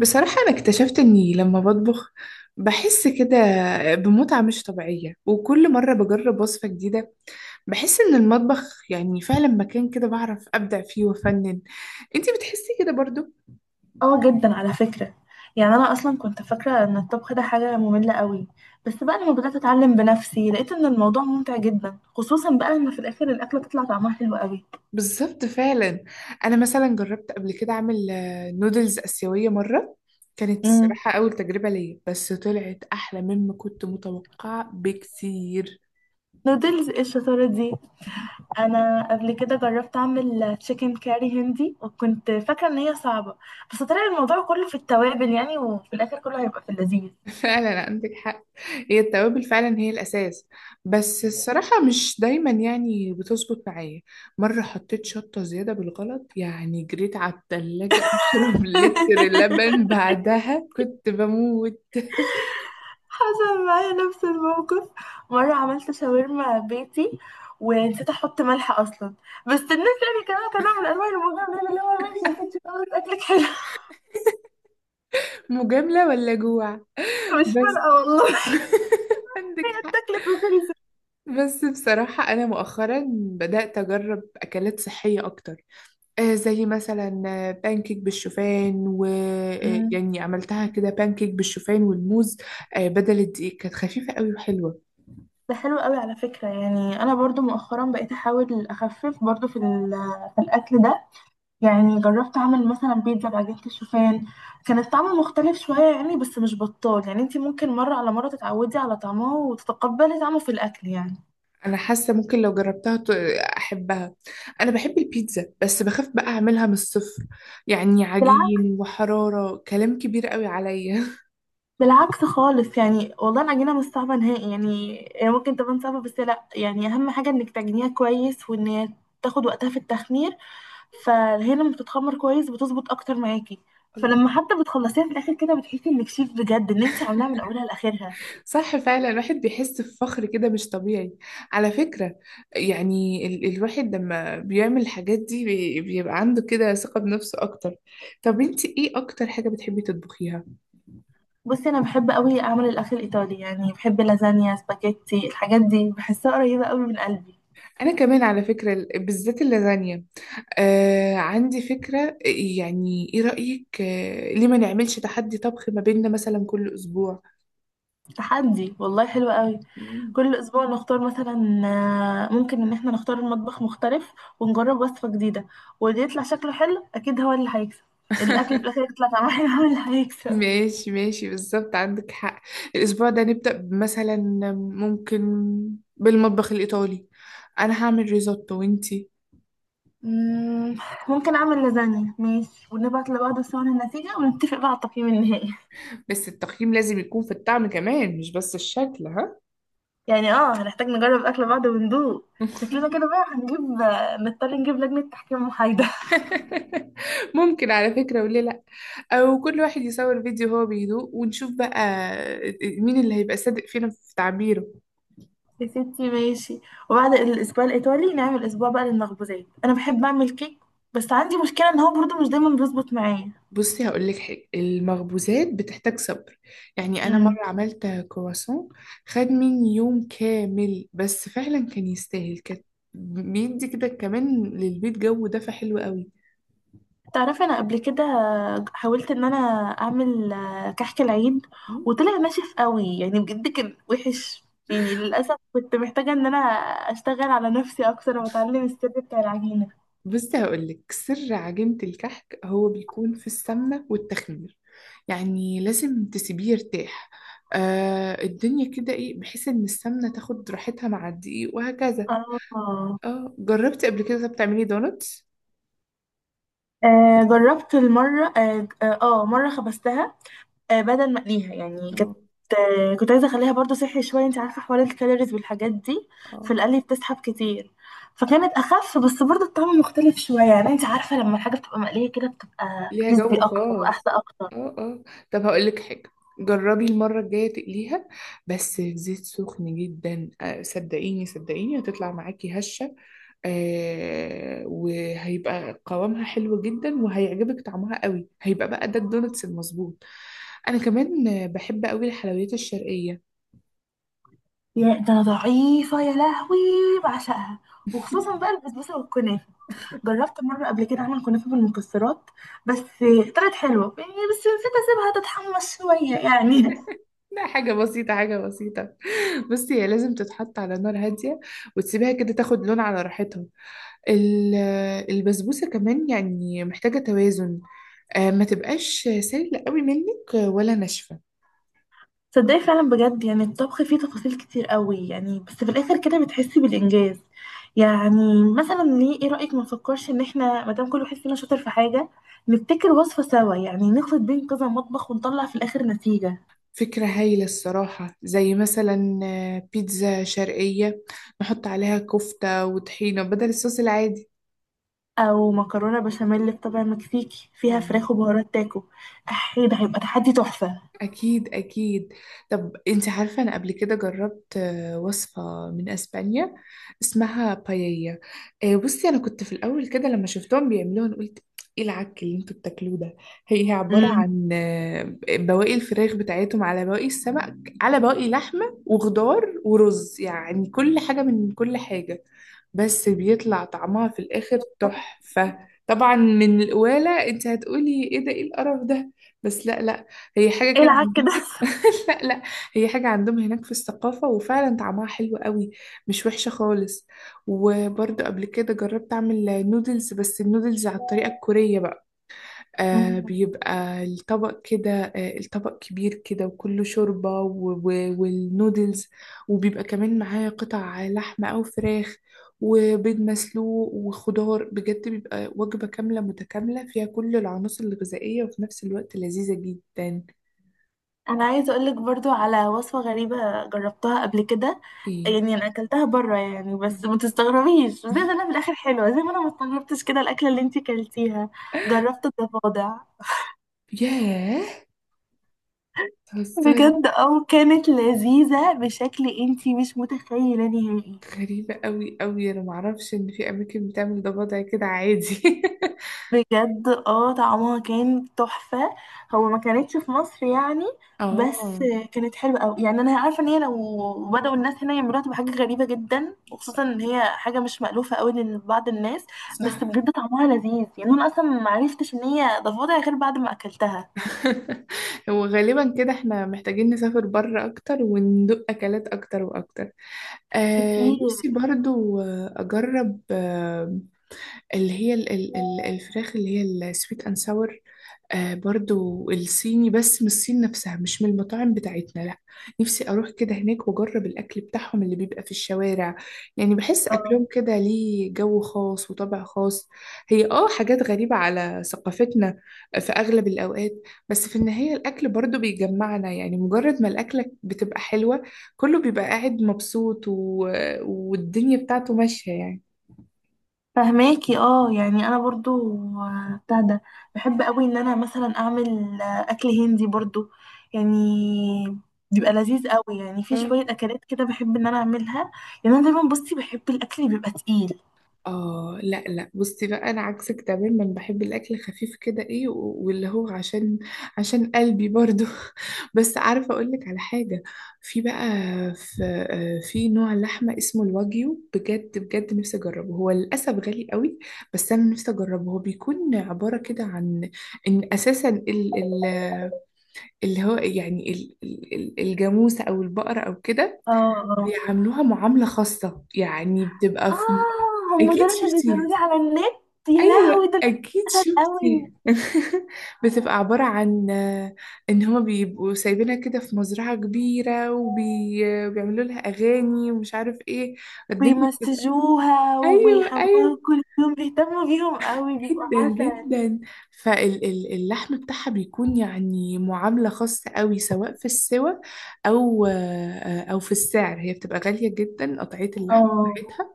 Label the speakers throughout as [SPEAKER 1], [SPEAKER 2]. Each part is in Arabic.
[SPEAKER 1] بصراحة أنا اكتشفت إني لما بطبخ بحس كده بمتعة مش طبيعية، وكل مرة بجرب وصفة جديدة بحس إن المطبخ فعلا مكان كده بعرف أبدع فيه وأفنن. أنتي بتحسي كده برضو؟
[SPEAKER 2] اه جدا على فكرة. يعني انا اصلا كنت فاكرة ان الطبخ ده حاجة مملة قوي. بس بقى لما بدأت اتعلم بنفسي لقيت ان الموضوع ممتع جدا، خصوصا بقى لما في الاخر الاكلة تطلع طعمها حلو قوي.
[SPEAKER 1] بالظبط فعلا. أنا مثلا جربت قبل كده أعمل نودلز آسيوية مرة، كانت
[SPEAKER 2] امم.
[SPEAKER 1] الصراحة أول تجربة ليا بس طلعت أحلى مما كنت متوقعة بكثير.
[SPEAKER 2] نودلز ايه الشطارة دي. انا قبل كده جربت اعمل تشيكن كاري هندي، وكنت فاكرة ان هي صعبة. بس طلع الموضوع كله في التوابل يعني، وفي الاخر كله هيبقى في اللذيذ.
[SPEAKER 1] فعلا عندك حق، هي التوابل فعلا هي الأساس، بس الصراحة مش دايما بتظبط معايا. مرة حطيت شطة زيادة بالغلط، يعني جريت على التلاجة أشرب لتر لبن، بعدها كنت بموت.
[SPEAKER 2] حصل معايا نفس الموقف. مرة عملت شاورما بيتي ونسيت احط ملح اصلا. بس الناس يعني كانوا من انواع المجامله، اللي هو ماشي يا ستي خلاص اكلك حلو.
[SPEAKER 1] مجاملة ولا جوع؟
[SPEAKER 2] مش
[SPEAKER 1] بس
[SPEAKER 2] فارقه والله.
[SPEAKER 1] عندك
[SPEAKER 2] كانت
[SPEAKER 1] حق.
[SPEAKER 2] اكلت وخلصت.
[SPEAKER 1] بس بصراحة أنا مؤخرا بدأت أجرب أكلات صحية أكتر، زي مثلا بانكيك بالشوفان و
[SPEAKER 2] أمم.
[SPEAKER 1] عملتها كده بانكيك بالشوفان والموز. بدل الدقيق كانت خفيفة قوي وحلوة.
[SPEAKER 2] ده حلو قوي على فكرة. يعني أنا برضو مؤخرا بقيت أحاول أخفف برضو في الأكل ده. يعني جربت أعمل مثلا بيتزا بعجينة الشوفان. كان الطعم مختلف شوية يعني، بس مش بطال. يعني انتي ممكن مرة على مرة تتعودي على طعمه وتتقبلي طعمه في الأكل يعني.
[SPEAKER 1] انا حاسة ممكن لو جربتها احبها. انا بحب البيتزا بس بخاف بقى اعملها من الصفر، يعني عجين وحرارة كلام كبير قوي عليا.
[SPEAKER 2] بالعكس خالص. يعني والله العجينة مش صعبة نهائي. يعني هي ممكن تبان صعبة، بس لا، يعني أهم حاجة إنك تعجنيها كويس، وإن هي تاخد وقتها في التخمير. فهي لما بتتخمر كويس بتظبط أكتر معاكي. فلما حتى بتخلصيها في الآخر كده بتحسي إنك شيف بجد، إن أنت عاملاها من أولها لآخرها.
[SPEAKER 1] صح، فعلا الواحد بيحس بفخر كده مش طبيعي، على فكرة. يعني ال الواحد لما بيعمل الحاجات دي بيبقى عنده كده ثقة بنفسه أكتر. طب انتي ايه أكتر حاجة بتحبي تطبخيها؟
[SPEAKER 2] بصي، أنا بحب أوي أعمل الأكل الإيطالي. يعني بحب لازانيا، سباكيتي، الحاجات دي بحسها قريبة أوي من قلبي.
[SPEAKER 1] أنا كمان على فكرة بالذات اللازانيا. آه، عندي فكرة، ايه رأيك، آه، ليه ما نعملش تحدي طبخ ما بيننا مثلا كل أسبوع؟
[SPEAKER 2] تحدي والله حلو قوي.
[SPEAKER 1] مم.
[SPEAKER 2] كل اسبوع نختار مثلا، ممكن ان احنا نختار مطبخ مختلف ونجرب وصفة جديدة. واللي يطلع شكله حلو اكيد هو اللي هيكسب. الاكلة في الاخر يطلع طعمها حلو هو اللي هيكسب.
[SPEAKER 1] ماشي ماشي، بالظبط عندك حق. الأسبوع ده نبدأ مثلا، ممكن، بالمطبخ الإيطالي. أنا هعمل ريزوتو وإنتي؟
[SPEAKER 2] مم، ممكن اعمل لازانيا ماشي، ونبعت لبعض صور النتيجة، ونتفق بقى على التقييم النهائي.
[SPEAKER 1] بس التقييم لازم يكون في الطعم كمان، مش بس الشكل، ها.
[SPEAKER 2] يعني هنحتاج نجرب اكل بعض وندوق. شكلنا كده بقى هنجيب آه، نضطر نجيب لجنة تحكيم محايدة.
[SPEAKER 1] ممكن على فكرة، وليه لأ؟ أو كل واحد يصور فيديو هو بيدوق ونشوف بقى مين اللي هيبقى صادق فينا في تعبيره.
[SPEAKER 2] يا ستي ماشي. وبعد الاسبوع الايطالي نعمل اسبوع بقى للمخبوزات. انا بحب اعمل كيك، بس عندي مشكله ان هو برضو مش دايما بيظبط معايا.
[SPEAKER 1] بصي هقول لك حاجه، المخبوزات بتحتاج صبر. يعني انا
[SPEAKER 2] امم.
[SPEAKER 1] مره عملت كرواسون، خد مني يوم كامل، بس فعلا كان يستاهل، كان بيدي كده كمان للبيت جو دفى حلو قوي.
[SPEAKER 2] تعرفي، انا قبل كده حاولت ان انا اعمل كحك العيد،
[SPEAKER 1] مم.
[SPEAKER 2] وطلع ناشف قوي. يعني بجد كان وحش. يعني للاسف كنت محتاجه ان انا اشتغل على نفسي اكتر، واتعلم السر بتاع العجينه.
[SPEAKER 1] بصي هقول لك سر عجينه الكحك، هو بيكون في السمنه والتخمير، يعني لازم تسيبيه يرتاح. آه، الدنيا كده ايه، بحيث ان السمنه تاخد راحتها مع الدقيق وهكذا.
[SPEAKER 2] اه،
[SPEAKER 1] اه، جربتي قبل كده بتعملي دونتس؟
[SPEAKER 2] جربت المره اه آه، آه، مرة خبزتها، بدل ما اقليها. يعني كنت عايزه اخليها برضو صحي شويه. انت عارفه حوار الكالوريز والحاجات دي. في
[SPEAKER 1] اه،
[SPEAKER 2] القلي بتسحب كتير، فكانت اخف. بس برضو الطعم مختلف شويه. يعني انت عارفه، لما الحاجه بتبقى مقليه كده بتبقى
[SPEAKER 1] ليها
[SPEAKER 2] كريسبي
[SPEAKER 1] جو
[SPEAKER 2] اكتر واحلى
[SPEAKER 1] خاص.
[SPEAKER 2] اكتر.
[SPEAKER 1] اه اه. طب هقول لك حاجة، جربي المرة الجاية تقليها بس في زيت سخن جدا. صدقيني هتطلع معاكي هشة. وهيبقى قوامها حلو جدا وهيعجبك طعمها قوي، هيبقى بقى ده الدونتس المظبوط. انا كمان بحب قوي الحلويات الشرقية.
[SPEAKER 2] يا ده، انا ضعيفه يا لهوي. بعشقها، وخصوصا بقى البسبوسه والكنافه. جربت مره قبل كده اعمل كنافه بالمكسرات. بس طلعت حلوه يعني، بس نسيت اسيبها تتحمص شويه يعني.
[SPEAKER 1] لا، حاجة بسيطة. بصي هي لازم تتحط على نار هادية وتسيبها كده تاخد لون على راحتها. ال- البسبوسة كمان محتاجة توازن، ما تبقاش سايلة قوي منك ولا ناشفة.
[SPEAKER 2] تصدقي، فعلا بجد يعني الطبخ فيه تفاصيل كتير قوي، يعني بس في الاخر كده بتحسي بالانجاز. يعني مثلا، ليه، ايه رايك ما نفكرش ان احنا ما دام كل واحد فينا شاطر في حاجه نبتكر وصفه سوا؟ يعني نخلط بين كذا مطبخ ونطلع في الاخر نتيجه.
[SPEAKER 1] فكرة هايلة الصراحة، زي مثلا بيتزا شرقية نحط عليها كفتة وطحينة بدل الصوص العادي.
[SPEAKER 2] او مكرونه بشاميل بطبع مكسيكي فيها
[SPEAKER 1] اه،
[SPEAKER 2] فراخ وبهارات تاكو. احي، ده هيبقى تحدي تحفه.
[SPEAKER 1] أكيد أكيد. طب أنت عارفة، أنا قبل كده جربت وصفة من أسبانيا اسمها بايية. بصي أنا كنت في الأول كده لما شفتهم بيعملوها أنا قلت إيه العك اللي أنتوا بتاكلوه ده. هي عبارة
[SPEAKER 2] امم.
[SPEAKER 1] عن بواقي الفراخ بتاعتهم على بواقي السمك على بواقي لحمة وخضار ورز، يعني كل حاجة من كل حاجة، بس بيطلع طعمها في الآخر تحفة. طبعا من القوالة أنت هتقولي إيه ده، إيه القرف ده، بس لا لا، هي حاجة
[SPEAKER 2] ايه
[SPEAKER 1] كده
[SPEAKER 2] العك ده؟
[SPEAKER 1] عندهم. لا لا، هي حاجة عندهم هناك في الثقافة، وفعلا طعمها حلو قوي، مش وحشة خالص. وبرضه قبل كده جربت أعمل نودلز، بس النودلز على الطريقة الكورية بقى. بيبقى الطبق كده، الطبق كبير كده وكله شوربة والنودلز، وبيبقى كمان معاه قطع لحمة أو فراخ وبيض مسلوق وخضار. بجد بيبقى وجبة كاملة متكاملة فيها كل العناصر الغذائية، وفي نفس الوقت لذيذة جدا.
[SPEAKER 2] انا عايزه اقولك برضو على وصفه غريبه جربتها قبل كده.
[SPEAKER 1] ايه؟
[SPEAKER 2] يعني انا اكلتها بره يعني، بس ما تستغربيش، بس زي ما انا في الاخر حلوه، زي ما انا ما استغربتش كده الاكله اللي انتي كلتيها. جربت الضفادع.
[SPEAKER 1] ياه، بتهزري؟
[SPEAKER 2] بجد اه، كانت لذيذه بشكل انتي مش متخيله نهائي.
[SPEAKER 1] غريبة قوي قوي، انا معرفش ان في اماكن بتعمل ده وضع كده عادي.
[SPEAKER 2] بجد اه، طعمها كان تحفة. هو ما كانتش في مصر يعني، بس
[SPEAKER 1] اه
[SPEAKER 2] كانت حلوة أوي. يعني أنا عارفة إن هي لو بدأوا الناس هنا يعملوها تبقى حاجة غريبة جدا، وخصوصا إن هي حاجة مش مألوفة أوي لبعض الناس. بس
[SPEAKER 1] صح.
[SPEAKER 2] بجد طعمها لذيذ. يعني أنا أصلا ما عرفتش إن هي ضفادع غير بعد ما أكلتها.
[SPEAKER 1] هو غالبا كده احنا محتاجين نسافر بره اكتر وندوق اكلات اكتر واكتر. آه،
[SPEAKER 2] كتير.
[SPEAKER 1] نفسي برضو اجرب اللي هي الفراخ اللي هي السويت اند ساور. آه، برضو الصيني بس من الصين نفسها، مش من المطاعم بتاعتنا لا. نفسي اروح كده هناك واجرب الاكل بتاعهم اللي بيبقى في الشوارع. يعني بحس
[SPEAKER 2] اه.
[SPEAKER 1] اكلهم كده ليه جو خاص وطبع خاص. هي اه حاجات غريبة على ثقافتنا في اغلب الاوقات، بس في النهاية الاكل برضو بيجمعنا، يعني مجرد ما الاكلة بتبقى حلوة كله بيبقى قاعد مبسوط والدنيا بتاعته ماشية يعني.
[SPEAKER 2] فهماكي. اه. يعني انا برضو بتاع ده. بحب قوي ان انا مثلا اعمل آه، اكل هندي برضو. يعني بيبقى لذيذ قوي. يعني في
[SPEAKER 1] اه
[SPEAKER 2] شويه اكلات كده بحب ان انا اعملها. يعني انا دايما بصي بحب الاكل اللي بيبقى تقيل.
[SPEAKER 1] اه. لا لا، بصي بقى انا عكسك تماما، بحب الاكل خفيف كده، واللي هو عشان قلبي برضو. بس عارفه اقول لك على حاجه، في بقى في آه، في نوع لحمه اسمه الواجيو، بجد بجد نفسي اجربه، هو للاسف غالي قوي، بس انا نفسي اجربه. هو بيكون عباره كده عن ان اساسا ال ال اللي هو الجاموسه او البقره او كده
[SPEAKER 2] اه. اه.
[SPEAKER 1] بيعاملوها معامله خاصه، يعني بتبقى
[SPEAKER 2] اه،
[SPEAKER 1] في.
[SPEAKER 2] هم
[SPEAKER 1] اكيد
[SPEAKER 2] دول اللي
[SPEAKER 1] شفتيها،
[SPEAKER 2] بيظهروا لي على النت. يا لهوي
[SPEAKER 1] ايوه
[SPEAKER 2] دول
[SPEAKER 1] اكيد
[SPEAKER 2] قوي.
[SPEAKER 1] شفتي. بتبقى عباره عن ان هما بيبقوا سايبينها كده في مزرعه كبيره وبيعملوا لها اغاني ومش عارف ايه، الدنيا بتبقى.
[SPEAKER 2] بيمسجوها
[SPEAKER 1] ايوه
[SPEAKER 2] وبيحموها
[SPEAKER 1] ايوه،
[SPEAKER 2] كل يوم، بيهتموا بيهم قوي، بيبقوا
[SPEAKER 1] جدا
[SPEAKER 2] عسل.
[SPEAKER 1] جدا. فاللحم بتاعها بيكون يعني معامله خاصه قوي، سواء في السوى او في السعر، هي بتبقى غاليه جدا قطعيه اللحم
[SPEAKER 2] اه.
[SPEAKER 1] بتاعتها.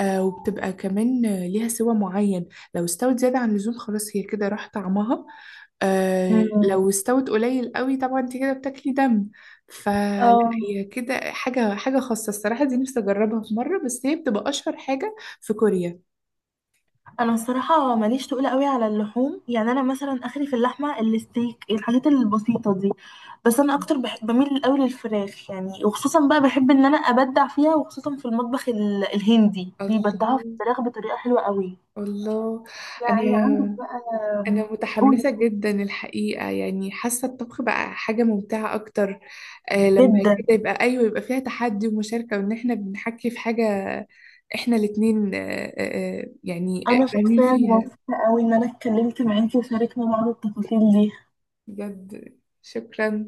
[SPEAKER 1] وبتبقى كمان ليها سوى معين، لو استوت زيادة عن اللزوم خلاص هي كده راح طعمها. آه
[SPEAKER 2] أمم.
[SPEAKER 1] لو استوت قليل قوي طبعا انت كده بتاكلي دم، فلا.
[SPEAKER 2] اه.
[SPEAKER 1] هي كده حاجة خاصة الصراحة، دي نفسي أجربها في مرة، بس هي بتبقى أشهر حاجة في كوريا.
[SPEAKER 2] انا الصراحه ماليش تقول قوي على اللحوم. يعني انا مثلا اخري في اللحمه، الستيك، الحاجات البسيطه دي. بس انا اكتر بحب، بميل قوي للفراخ. يعني وخصوصا بقى بحب ان انا ابدع فيها، وخصوصا في المطبخ الهندي
[SPEAKER 1] الله
[SPEAKER 2] بيبدعوا في الفراخ بطريقه حلوه قوي.
[SPEAKER 1] الله. أنا
[SPEAKER 2] يعني عندك بقى.
[SPEAKER 1] أنا
[SPEAKER 2] قولي.
[SPEAKER 1] متحمسة جدا الحقيقة، يعني حاسة الطبخ بقى حاجة ممتعة أكتر. آه، لما
[SPEAKER 2] جدا.
[SPEAKER 1] كده يبقى أيوة، يبقى فيها تحدي ومشاركة وإن إحنا بنحكي في حاجة إحنا الاتنين. يعني
[SPEAKER 2] انا
[SPEAKER 1] فاهمين
[SPEAKER 2] شخصيا
[SPEAKER 1] فيها.
[SPEAKER 2] مبسوطه قوي ان انا اتكلمت معاكي، وشاركنا بعض التفاصيل دي.
[SPEAKER 1] بجد شكرا.